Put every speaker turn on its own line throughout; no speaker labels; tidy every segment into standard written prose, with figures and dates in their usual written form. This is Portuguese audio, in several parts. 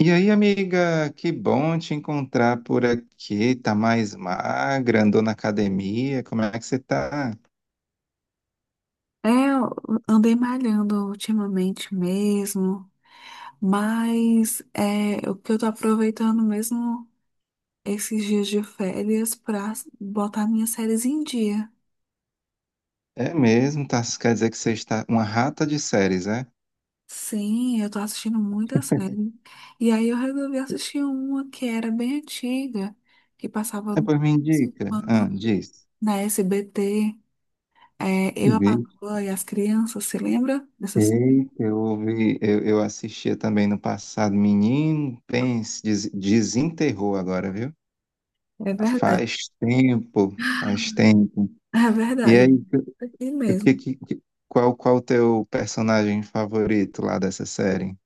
E aí, amiga, que bom te encontrar por aqui. Tá mais magra, andou na academia. Como é que você tá?
Eu andei malhando ultimamente mesmo, mas é o que eu tô aproveitando mesmo esses dias de férias pra botar minhas séries em dia.
É mesmo, tá? Quer dizer que você está uma rata de séries, é?
Sim, eu tô assistindo muita série. E aí eu resolvi assistir uma que era bem antiga, que passava
É,
no
pois me indica. Ah,
Enquanto,
diz.
na SBT. É, Eu, a
Vi.
Patroa e as Crianças, você lembra? Dessas?
Eita, eu ouvi, eu assistia também no passado. Menino, pense, desenterrou agora, viu?
É verdade,
Faz tempo, faz tempo.
é
E
verdade.
aí,
Aqui
o que,
mesmo.
que- qual, qual o teu personagem favorito lá dessa série?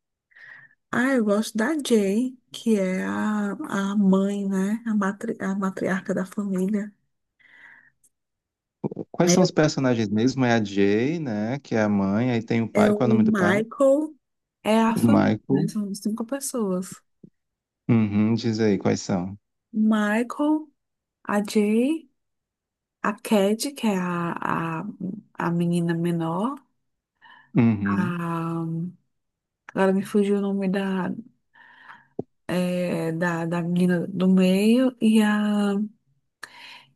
Ah, eu gosto da Jay, que é a mãe, né? A matriarca da família.
Quais são os
É,
personagens mesmo? É a Jay, né? Que é a mãe. Aí tem o
é
pai. Qual é o
o
nome do pai?
Michael, é a
O
família, né?
Michael.
São cinco pessoas.
Uhum, diz aí quais são.
Michael, a Jay, a Cad, que é a menina menor.
Uhum.
A, agora me fugiu o nome da menina do meio.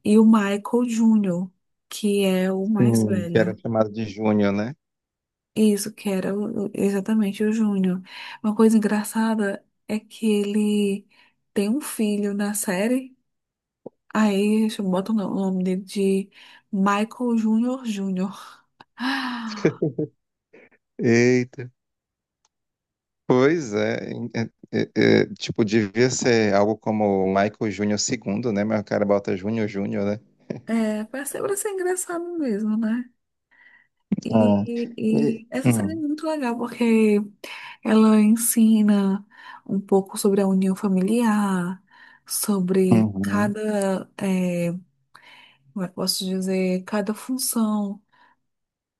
E o Michael Jr., que é o mais
Sim, que era
velho.
chamado de Júnior, né?
Isso, que era exatamente o Júnior. Uma coisa engraçada é que ele tem um filho na série, aí bota o no- o nome dele de Michael Júnior Júnior. Ah,
Eita. Pois é, tipo, devia ser algo como Michael Júnior II, né? Mas o cara bota Júnior Júnior, né?
É, pra ser engraçado mesmo, né?
Ah. E-
E essa série é
Hum,
muito legal porque ela ensina um pouco sobre a união familiar, sobre
uhum,
como é que eu posso dizer, cada função.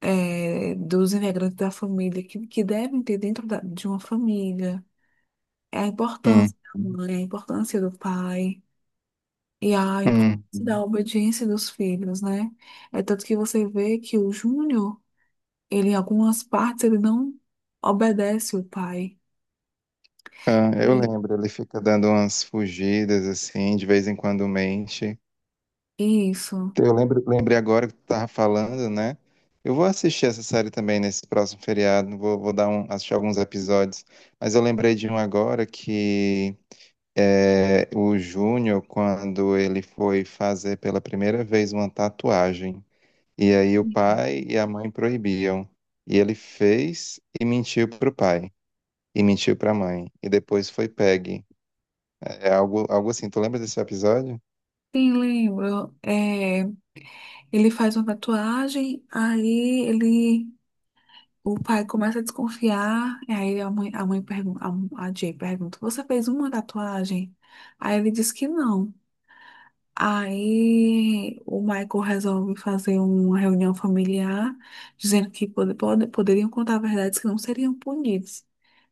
É, dos integrantes da família que devem ter dentro de uma família. É a
uhum,
importância da mãe, a importância do pai e a importância da
uhum.
obediência dos filhos, né? É tanto que você vê que o Júnior, ele em algumas partes, ele não obedece o pai.
Ah, eu
E
lembro, ele fica dando umas fugidas, assim, de vez em quando mente.
e isso.
Eu lembro, lembrei agora que tu tava falando, né? Eu vou assistir essa série também nesse próximo feriado, assistir alguns episódios, mas eu lembrei de um agora que o Júnior, quando ele foi fazer pela primeira vez uma tatuagem, e aí o pai e a mãe proibiam, e ele fez e mentiu pro pai, e mentiu pra mãe, e depois foi pegue. É algo assim, tu lembra desse episódio?
Sim, lembro. É, ele faz uma tatuagem. Aí ele O pai começa a desconfiar, e aí a mãe pergunta, a Jay pergunta, você fez uma tatuagem? Aí ele diz que não. Aí o Michael resolve fazer uma reunião familiar, dizendo que poderiam contar verdades que não seriam punidos.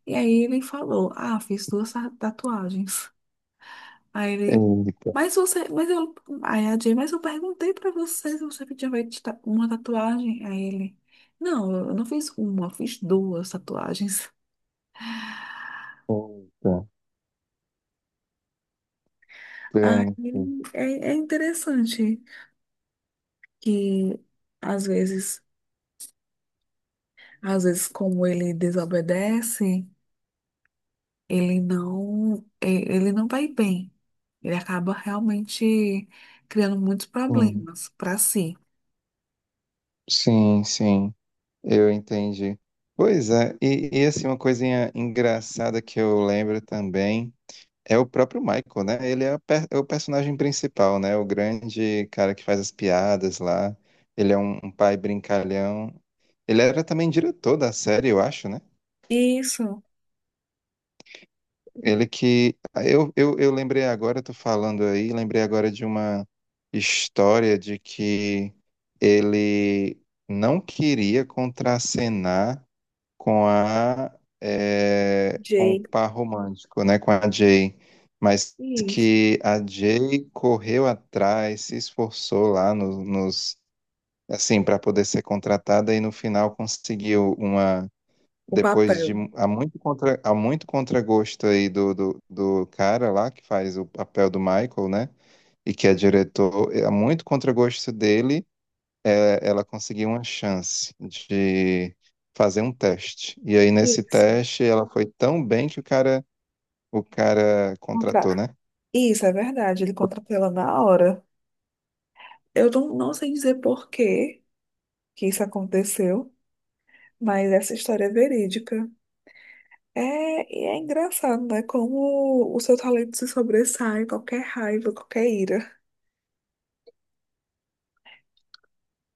E aí ele falou, ah, fiz duas tatuagens. Aí ele,
Eita,
mas você, mas eu, aí a Jay, mas eu perguntei pra você se você tinha feito uma tatuagem. Aí ele, não, eu não fiz uma, eu fiz duas tatuagens.
eita. Bem,
Aí é interessante que às vezes, às vezes como ele desobedece, ele não, ele não vai bem. Ele acaba realmente criando muitos
sim.
problemas pra si.
Sim, sim, eu entendi. Pois é, e assim, uma coisinha engraçada que eu lembro também é o próprio Michael, né? Ele é, a per- É o personagem principal, né? O grande cara que faz as piadas lá. Ele é um pai brincalhão. Ele era também diretor da série, eu acho, né?
Isso,
Ele que. Ah, eu lembrei agora, tô falando aí, lembrei agora de uma história de que ele não queria contracenar com a com o
Jay.
par romântico, né, com a Jay, mas
Isso.
que a Jay correu atrás, se esforçou lá nos assim para poder ser contratada e no final conseguiu uma
O
depois
papel.
de há muito contragosto aí do cara lá que faz o papel do Michael, né? E que é diretor, há muito contragosto dele, ela conseguiu uma chance de fazer um teste. E aí nesse
Isso.
teste ela foi tão bem que o cara contratou,
Contrato.
né?
Isso é verdade, ele contratou ela na hora. Eu não sei dizer por que que isso aconteceu, mas essa história é verídica. É, e é engraçado, né? Como o seu talento se sobressai, qualquer raiva, qualquer ira.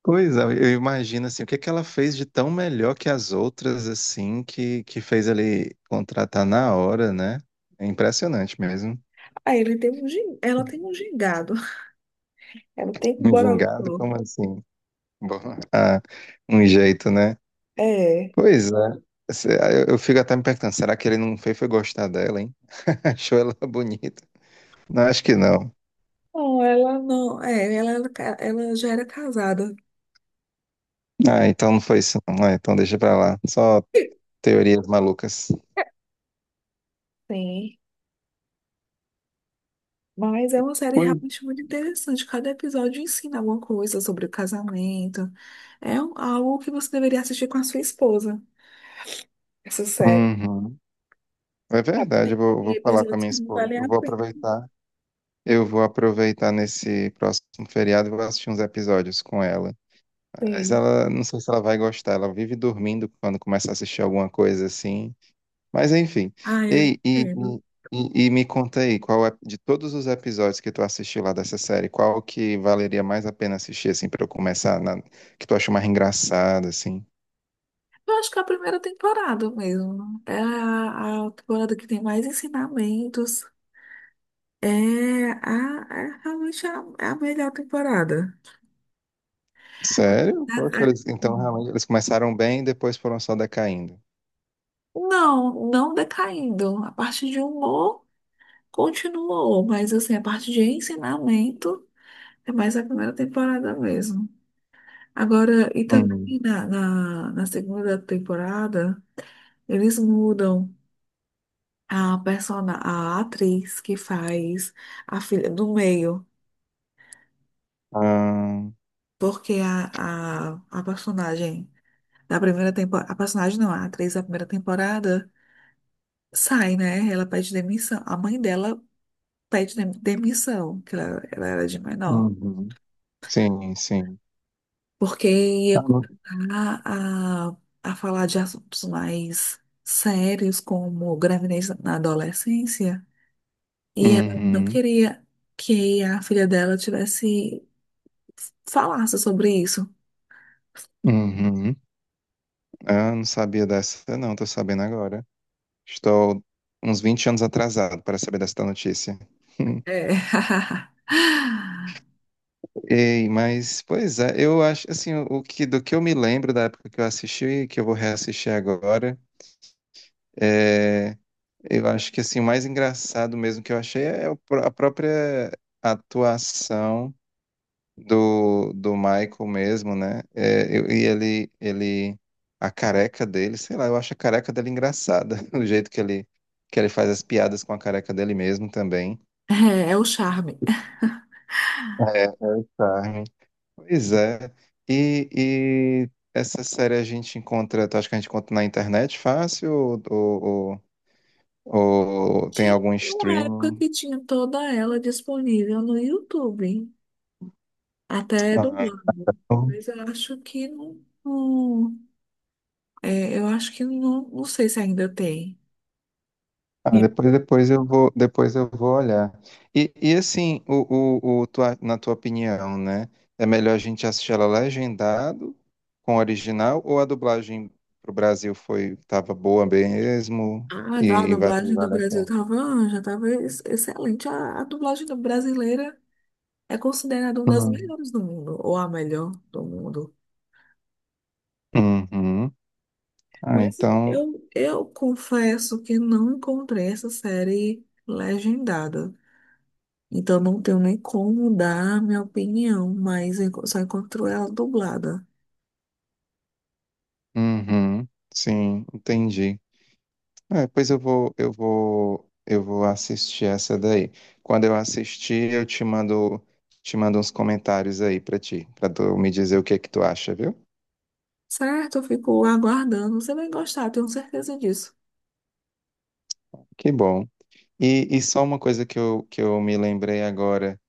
Pois é, eu imagino assim, o que que ela fez de tão melhor que as outras assim que fez ele contratar na hora, né? É impressionante mesmo.
Ah, ele tem um, gin- ela tem um gingado, ela tem um
Um
bororó.
gingado como assim? Bom, ah, um jeito, né?
É.
Pois é. Eu fico até me perguntando, será que ele não fez foi gostar dela, hein? Achou ela bonita? Não, acho que não.
Não, ela não. É, ela já era casada.
Ah, então não foi isso, não. Ah, então deixa pra lá. Só teorias malucas.
Sim. Mas é uma série
Foi.
realmente muito interessante. Cada episódio ensina alguma coisa sobre o casamento. Algo que você deveria assistir com a sua esposa. Essa série.
Uhum. É
Sabe,
verdade, eu vou,
tem
vou falar com a
episódios
minha
que não
esposa.
valem
Eu
a
vou
pena.
aproveitar. Eu vou aproveitar nesse próximo feriado e vou assistir uns episódios com ela. Mas
Tem.
ela, não sei se ela vai gostar. Ela vive dormindo quando começa a assistir alguma coisa assim. Mas enfim.
Ah, eu
Ei,
entendo.
me conta aí, qual é, de todos os episódios que tu assistiu lá dessa série, qual que valeria mais a pena assistir, assim, pra eu começar, que tu acha mais engraçado, assim?
Eu acho que é a primeira temporada mesmo. É a temporada que tem mais ensinamentos. É, é realmente é a melhor temporada.
Sério?
A-
Poxa,
a-
então realmente eles começaram bem e depois foram só decaindo.
Não, não decaindo. A parte de humor. Continuou, mas assim, a parte de ensinamento é mais a primeira temporada mesmo. Agora, e
Uhum.
também na segunda temporada, eles mudam a persona, a atriz que faz a filha do meio,
Ah,
porque a personagem da primeira temporada, a personagem não, a atriz da primeira temporada sai, né? Ela pede demissão, a mãe dela pede demissão, que ela era de menor.
uhum. Sim, sim.
Porque ia
Ah, não.
começar a falar de assuntos mais sérios, como gravidez na adolescência, e ela não
Uhum,
queria que a filha dela tivesse falasse sobre isso.
uhum. Ah, não sabia dessa, não, tô sabendo agora. Estou uns 20 anos atrasado para saber dessa notícia.
É,
Ei, mas, pois é, eu acho, assim, o que, do que eu me lembro da época que eu assisti, que eu vou reassistir agora, é, eu acho que assim, o mais engraçado mesmo que eu achei é a própria atuação do Michael mesmo, né? É, e ele, a careca dele, sei lá, eu acho a careca dele engraçada, o jeito que ele faz as piadas com a careca dele mesmo também.
é o charme.
Charme. Pois é. E essa série a gente encontra, tu acha que a gente encontra na internet fácil ou tem
Tinha
algum
uma época
streaming?
que tinha toda ela disponível no YouTube, até dublado.
Ah.
Mas eu acho que não, é, eu acho que não, não sei se ainda tem.
Ah, depois, depois depois eu vou olhar. E assim, na tua opinião, né? É melhor a gente assistir ela legendado com o original ou a dublagem pro Brasil foi tava boa mesmo
Ah, a
e
dublagem do
vale a
Brasil
pena?
tava, já tava excelente. A dublagem do brasileira é considerada uma das
Hum.
melhores do mundo, ou a melhor do mundo.
Uhum. Ah,
Mas
então,
eu confesso que não encontrei essa série legendada. Então não tenho nem como dar a minha opinião, mas só encontro ela dublada.
uhum. Sim, entendi. É, pois eu vou assistir essa daí. Quando eu assistir, te mando uns comentários aí pra ti, pra tu me dizer o que é que tu acha, viu?
Certo, eu fico aguardando. Você vai gostar, tenho certeza disso.
Que bom. E só uma coisa que eu me lembrei agora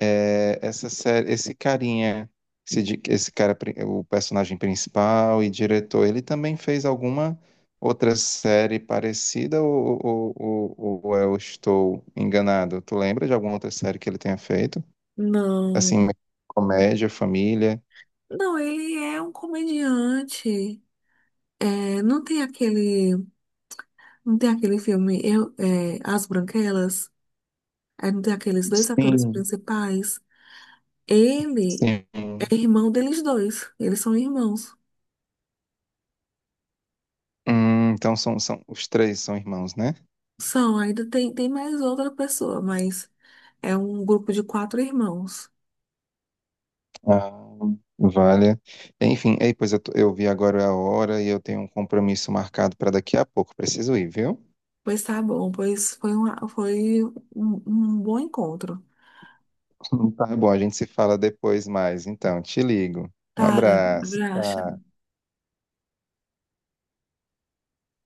é essa série, esse carinha, esse cara, o personagem principal e diretor, ele também fez alguma outra série parecida ou eu estou enganado? Tu lembra de alguma outra série que ele tenha feito?
Não,
Assim, comédia, família.
não, ele é um comediante. É, não tem aquele. Não tem aquele filme eu, é, As Branquelas? Aí não tem aqueles dois atores
Sim,
principais? Ele
sim.
é irmão deles dois. Eles são irmãos.
Então são os três são irmãos, né?
São, ainda tem mais outra pessoa, mas é um grupo de quatro irmãos.
Ah, vale. Enfim, ei, eu vi agora a hora e eu tenho um compromisso marcado para daqui a pouco. Preciso ir, viu?
Pois tá bom, pois foi, uma, foi um bom encontro.
Tá bom, a gente se fala depois mais. Então, te ligo. Um
Tá,
abraço.
graxa.
Tchau.